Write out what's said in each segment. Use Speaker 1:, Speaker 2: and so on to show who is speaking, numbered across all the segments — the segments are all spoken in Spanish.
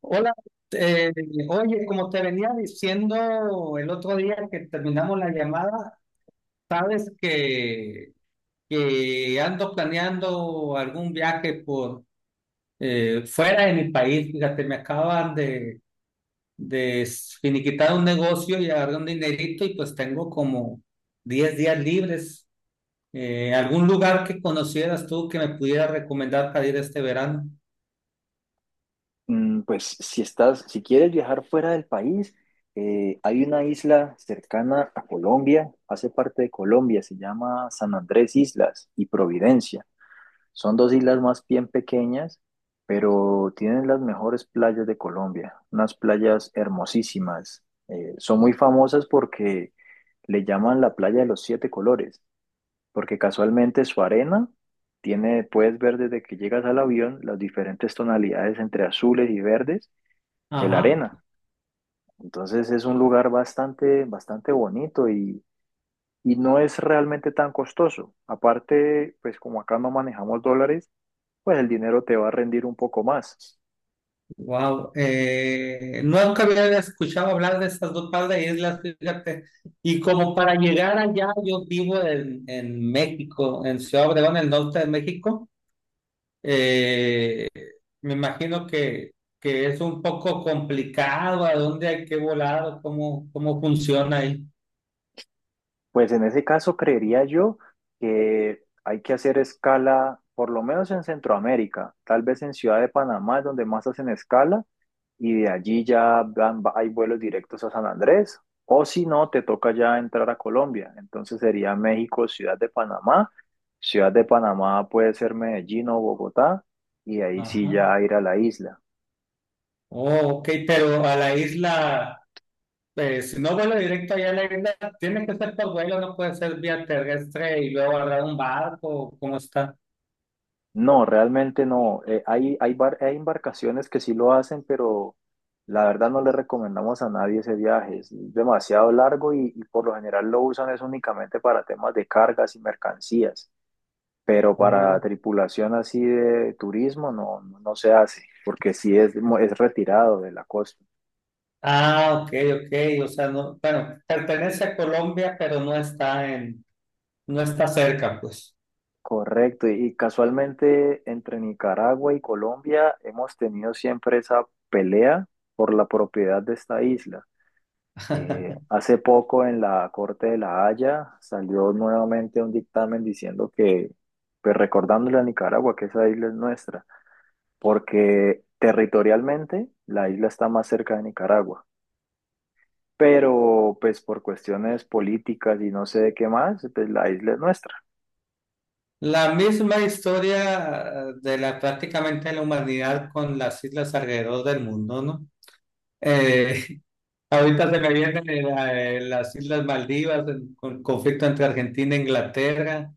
Speaker 1: Hola, eh, oye, como te venía diciendo el otro día que terminamos la llamada, sabes que, que ando planeando algún viaje por fuera de mi país. Fíjate, me acaban de finiquitar un negocio y agarré un dinerito y pues tengo como 10 días libres. ¿Algún lugar que conocieras tú que me pudiera recomendar para ir este verano?
Speaker 2: Pues si quieres viajar fuera del país, hay una isla cercana a Colombia, hace parte de Colombia, se llama San Andrés Islas y Providencia. Son dos islas más bien pequeñas, pero tienen las mejores playas de Colombia, unas playas hermosísimas. Son muy famosas porque le llaman la playa de los siete colores, porque casualmente su arena tiene, puedes ver desde que llegas al avión las diferentes tonalidades entre azules y verdes de la
Speaker 1: Ajá.
Speaker 2: arena. Entonces es un lugar bastante, bastante bonito y no es realmente tan costoso. Aparte, pues como acá no manejamos dólares, pues el dinero te va a rendir un poco más.
Speaker 1: Wow, nunca había escuchado hablar de esas dos par de islas, fíjate. Y como para llegar allá, yo vivo en México, en Ciudad Obregón, en el norte de México. Eh, Me imagino que es un poco complicado a dónde hay que volar o cómo, cómo funciona ahí.
Speaker 2: Pues en ese caso creería yo que hay que hacer escala, por lo menos en Centroamérica, tal vez en Ciudad de Panamá es donde más hacen escala, y de allí ya hay vuelos directos a San Andrés, o si no, te toca ya entrar a Colombia. Entonces sería México, Ciudad de Panamá. Ciudad de Panamá puede ser Medellín o Bogotá, y ahí sí
Speaker 1: Ajá.
Speaker 2: ya ir a la isla.
Speaker 1: Oh, ok, pero a la isla, si no vuelo directo allá a la isla, tiene que ser por vuelo, no puede ser vía terrestre y luego agarrar un barco, ¿cómo está?
Speaker 2: No, realmente no. Hay embarcaciones que sí lo hacen, pero la verdad no le recomendamos a nadie ese viaje. Es demasiado largo y por lo general lo usan es únicamente para temas de cargas y mercancías. Pero para
Speaker 1: Oh.
Speaker 2: tripulación así de turismo no, no, no se hace, porque sí es retirado de la costa.
Speaker 1: Ah, ok, ok. O sea, no, bueno, pertenece a Colombia, pero no está no está cerca, pues.
Speaker 2: Correcto, y casualmente entre Nicaragua y Colombia hemos tenido siempre esa pelea por la propiedad de esta isla. Hace poco en la Corte de La Haya salió nuevamente un dictamen diciendo que, pues recordándole a Nicaragua que esa isla es nuestra, porque territorialmente la isla está más cerca de Nicaragua, pero pues por cuestiones políticas y no sé de qué más, pues la isla es nuestra.
Speaker 1: La misma historia de la prácticamente la humanidad con las islas alrededor del mundo, ¿no? Eh, Ahorita se me vienen las Islas Maldivas, el conflicto entre Argentina e Inglaterra,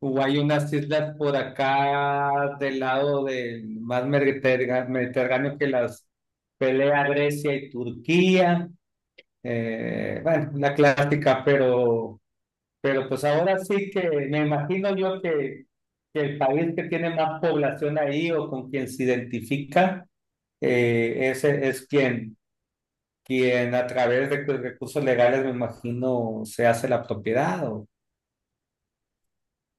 Speaker 1: o hay unas islas por acá del lado del más mediterráneo que las pelea Grecia y Turquía. Bueno, una clásica, pero pues ahora sí que me imagino yo que el país que tiene más población ahí o con quien se identifica ese es quien quien a través de cu- recursos legales, me imagino, se hace la propiedad. O-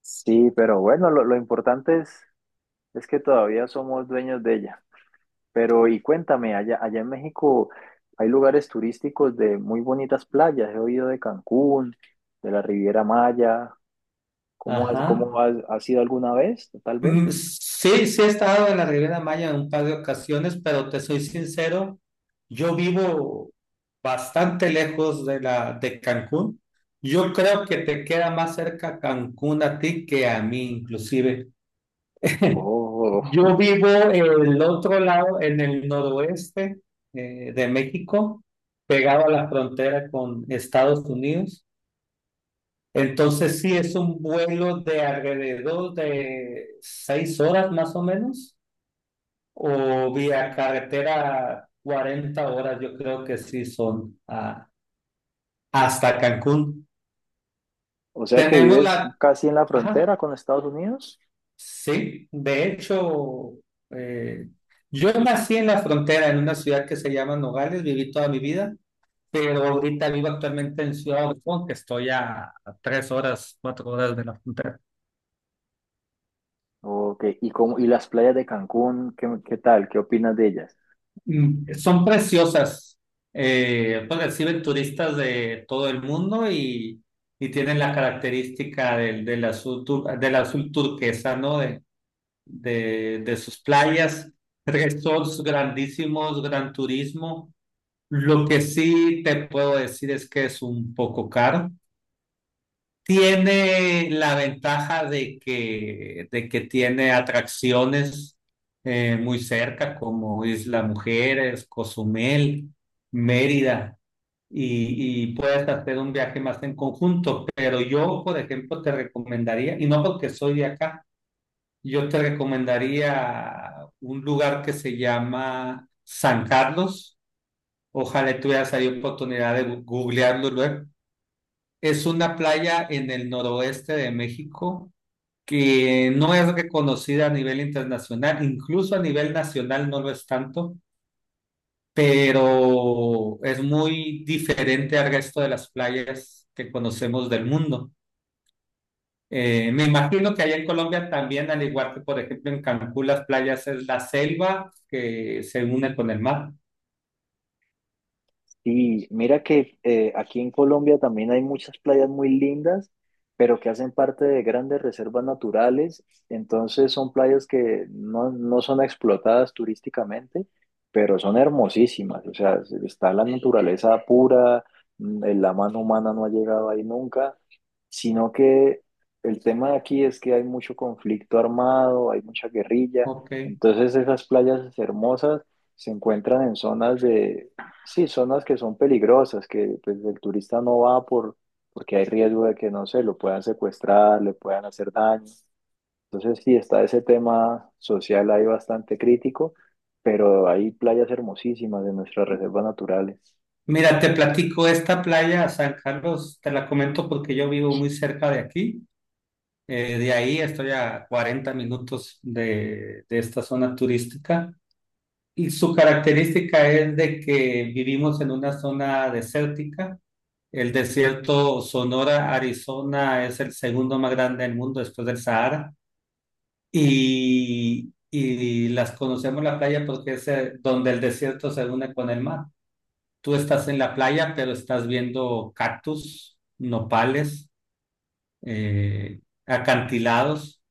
Speaker 2: Sí, pero bueno, lo importante es que todavía somos dueños de ella. Pero y cuéntame, allá en México hay lugares turísticos de muy bonitas playas. He oído de Cancún, de la Riviera Maya. ¿Cómo has,
Speaker 1: Ajá.
Speaker 2: cómo has, has ido alguna vez, tal vez?
Speaker 1: Mm, sí, sí he estado en la Riviera Maya en un par de ocasiones, pero te soy sincero, yo vivo bastante lejos de la de Cancún. Yo creo que te queda más cerca Cancún a ti que a mí, inclusive.
Speaker 2: Oh,
Speaker 1: Yo vivo en el otro lado, en el noroeste de México, pegado a la frontera con Estados Unidos. Entonces sí es un vuelo de alrededor de 6 horas más o menos, o vía carretera 40 horas, yo creo que sí son hasta Cancún.
Speaker 2: o sea que
Speaker 1: Tenemos
Speaker 2: vives
Speaker 1: la...
Speaker 2: casi en la
Speaker 1: Ajá,
Speaker 2: frontera con Estados Unidos.
Speaker 1: sí, de hecho, eh, yo nací en la frontera, en una ciudad que se llama Nogales, viví toda mi vida, pero ahorita vivo actualmente en Ciudad Obregón, que estoy a tres horas, cuatro horas de la frontera.
Speaker 2: Ok, ¿y cómo, y las playas de Cancún, qué, qué tal? ¿Qué opinas de ellas?
Speaker 1: Mm, son preciosas. Pues reciben turistas de todo el mundo y tienen la característica del azul, del azul turquesa, ¿no? De, de sus playas, resorts grandísimos, gran turismo. Lo que sí te puedo decir es que es un poco caro. Tiene la ventaja de de que tiene atracciones muy cerca, como Isla Mujeres, Cozumel, Mérida, y puedes hacer un viaje más en conjunto. Pero yo, por ejemplo, te recomendaría, y no porque soy de acá, yo te recomendaría un lugar que se llama San Carlos. Ojalá tuvieras ahí oportunidad de googlearlo luego. Es una playa en el noroeste de México que no es reconocida a nivel internacional, incluso a nivel nacional no lo es tanto, pero es muy diferente al resto de las playas que conocemos del mundo. Me imagino que allá en Colombia también, al igual que por ejemplo en Cancún, las playas es la selva que se une con el mar.
Speaker 2: Sí, mira que aquí en Colombia también hay muchas playas muy lindas, pero que hacen parte de grandes reservas naturales. Entonces son playas que no son explotadas turísticamente, pero son hermosísimas. O sea, está la naturaleza pura, la mano humana no ha llegado ahí nunca, sino que el tema de aquí es que hay mucho conflicto armado, hay mucha guerrilla.
Speaker 1: Ok.
Speaker 2: Entonces esas playas hermosas se encuentran en zonas de... sí, zonas que son peligrosas, que pues, el turista no va por, porque hay riesgo de que, no sé, lo puedan secuestrar, le puedan hacer daño. Entonces, sí, está ese tema social ahí bastante crítico, pero hay playas hermosísimas de nuestras reservas naturales.
Speaker 1: Mira, te platico esta playa, San Carlos, te la comento porque yo vivo muy cerca de aquí. De ahí estoy a 40 minutos de esta zona turística y su característica es de que vivimos en una zona desértica. El desierto Sonora, Arizona, es el segundo más grande del mundo después del Sahara y las conocemos la playa porque es donde el desierto se une con el mar. Tú estás en la playa, pero estás viendo cactus, nopales, eh, acantilados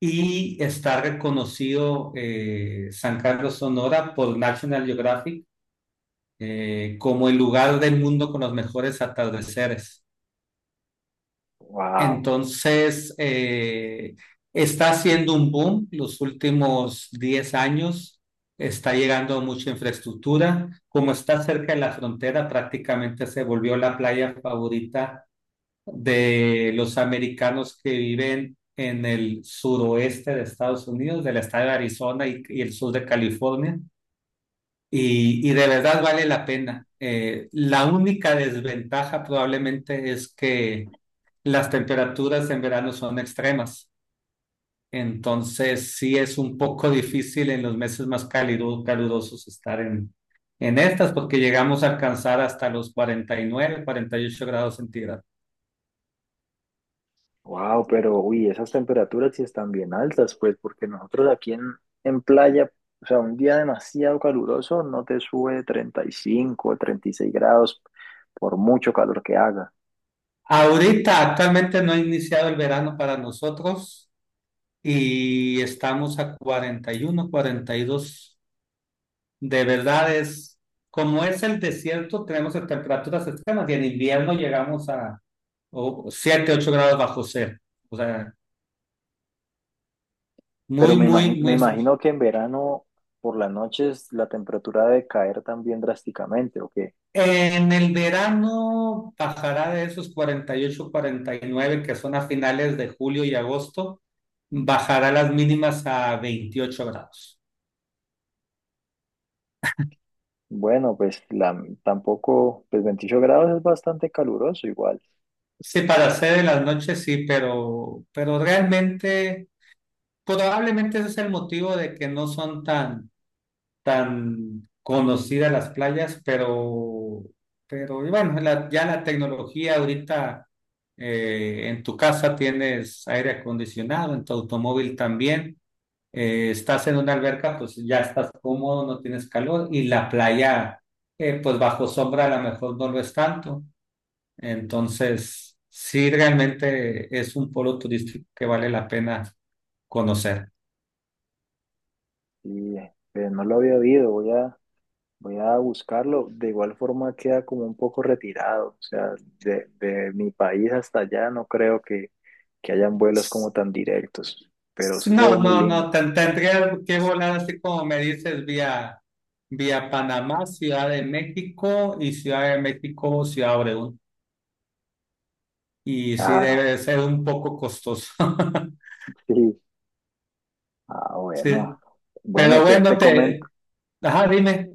Speaker 1: y está reconocido San Carlos Sonora por National Geographic como el lugar del mundo con los mejores atardeceres.
Speaker 2: Wow,
Speaker 1: Entonces, está haciendo un boom los últimos 10 años, está llegando mucha infraestructura, como está cerca de la frontera, prácticamente se volvió la playa favorita de los americanos que viven en el suroeste de Estados Unidos, del estado de Arizona y el sur de California. Y de verdad vale la pena. La única desventaja probablemente es que las temperaturas en verano son extremas. Entonces sí es un poco difícil en los meses más cálidos, calurosos estar en estas porque llegamos a alcanzar hasta los 49, 48 grados centígrados.
Speaker 2: wow, pero uy, esas temperaturas sí están bien altas, pues, porque nosotros aquí en playa, o sea, un día demasiado caluroso no te sube 35 o 36 grados por mucho calor que haga.
Speaker 1: Ahorita actualmente no ha iniciado el verano para nosotros y estamos a 41, 42. De verdad es, como es el desierto, tenemos temperaturas extremas y en invierno llegamos a o- 7, 8 grados bajo cero. O sea,
Speaker 2: Pero
Speaker 1: muy,
Speaker 2: me imagino,
Speaker 1: muy,
Speaker 2: me
Speaker 1: muy eso.
Speaker 2: imagino que en verano por las noches la temperatura debe caer también drásticamente, ¿o qué?
Speaker 1: En el verano bajará de esos 48, 49 que son a finales de julio y agosto, bajará las mínimas a 28 grados.
Speaker 2: Bueno, pues tampoco, pues 28 grados es bastante caluroso igual.
Speaker 1: Sí, para hacer en las noches sí, pero realmente, probablemente ese es el motivo de que no son tan, tan conocidas las playas, pero y bueno, ya la tecnología ahorita en tu casa tienes aire acondicionado, en tu automóvil también, estás en una alberca, pues ya estás cómodo, no tienes calor, y la playa, pues bajo sombra a lo mejor no lo es tanto. Entonces, sí, realmente es un polo turístico que vale la pena conocer.
Speaker 2: Y pues, no lo había oído, voy a buscarlo. De igual forma queda como un poco retirado, o sea, de mi país hasta allá no creo que hayan vuelos como tan directos, pero sí se
Speaker 1: No,
Speaker 2: ve muy
Speaker 1: no, no,
Speaker 2: lindo.
Speaker 1: tendría que volar así como me dices, vía Panamá, Ciudad de México y Ciudad de México, Ciudad Obregón. Y sí, debe de
Speaker 2: Claro,
Speaker 1: ser un poco costoso.
Speaker 2: sí. Ah, bueno.
Speaker 1: Sí,
Speaker 2: Bueno,
Speaker 1: pero
Speaker 2: te,
Speaker 1: bueno,
Speaker 2: te comento.
Speaker 1: te... Ajá, dime.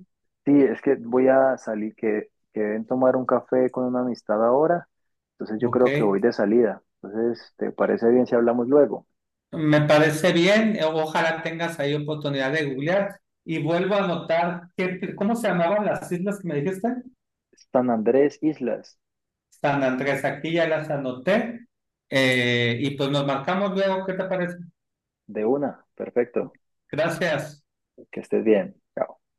Speaker 2: Sí, es que voy a salir, que deben tomar un café con una amistad ahora, entonces yo
Speaker 1: Ok.
Speaker 2: creo que voy de salida. Entonces, ¿te parece bien si hablamos luego?
Speaker 1: Me parece bien, ojalá tengas ahí oportunidad de googlear y vuelvo a anotar qué cómo se llamaban las islas que me dijiste.
Speaker 2: San Andrés Islas,
Speaker 1: San Andrés, aquí ya las anoté y pues nos marcamos luego, ¿qué te parece?
Speaker 2: de una, perfecto,
Speaker 1: Gracias.
Speaker 2: que estés bien. Chao.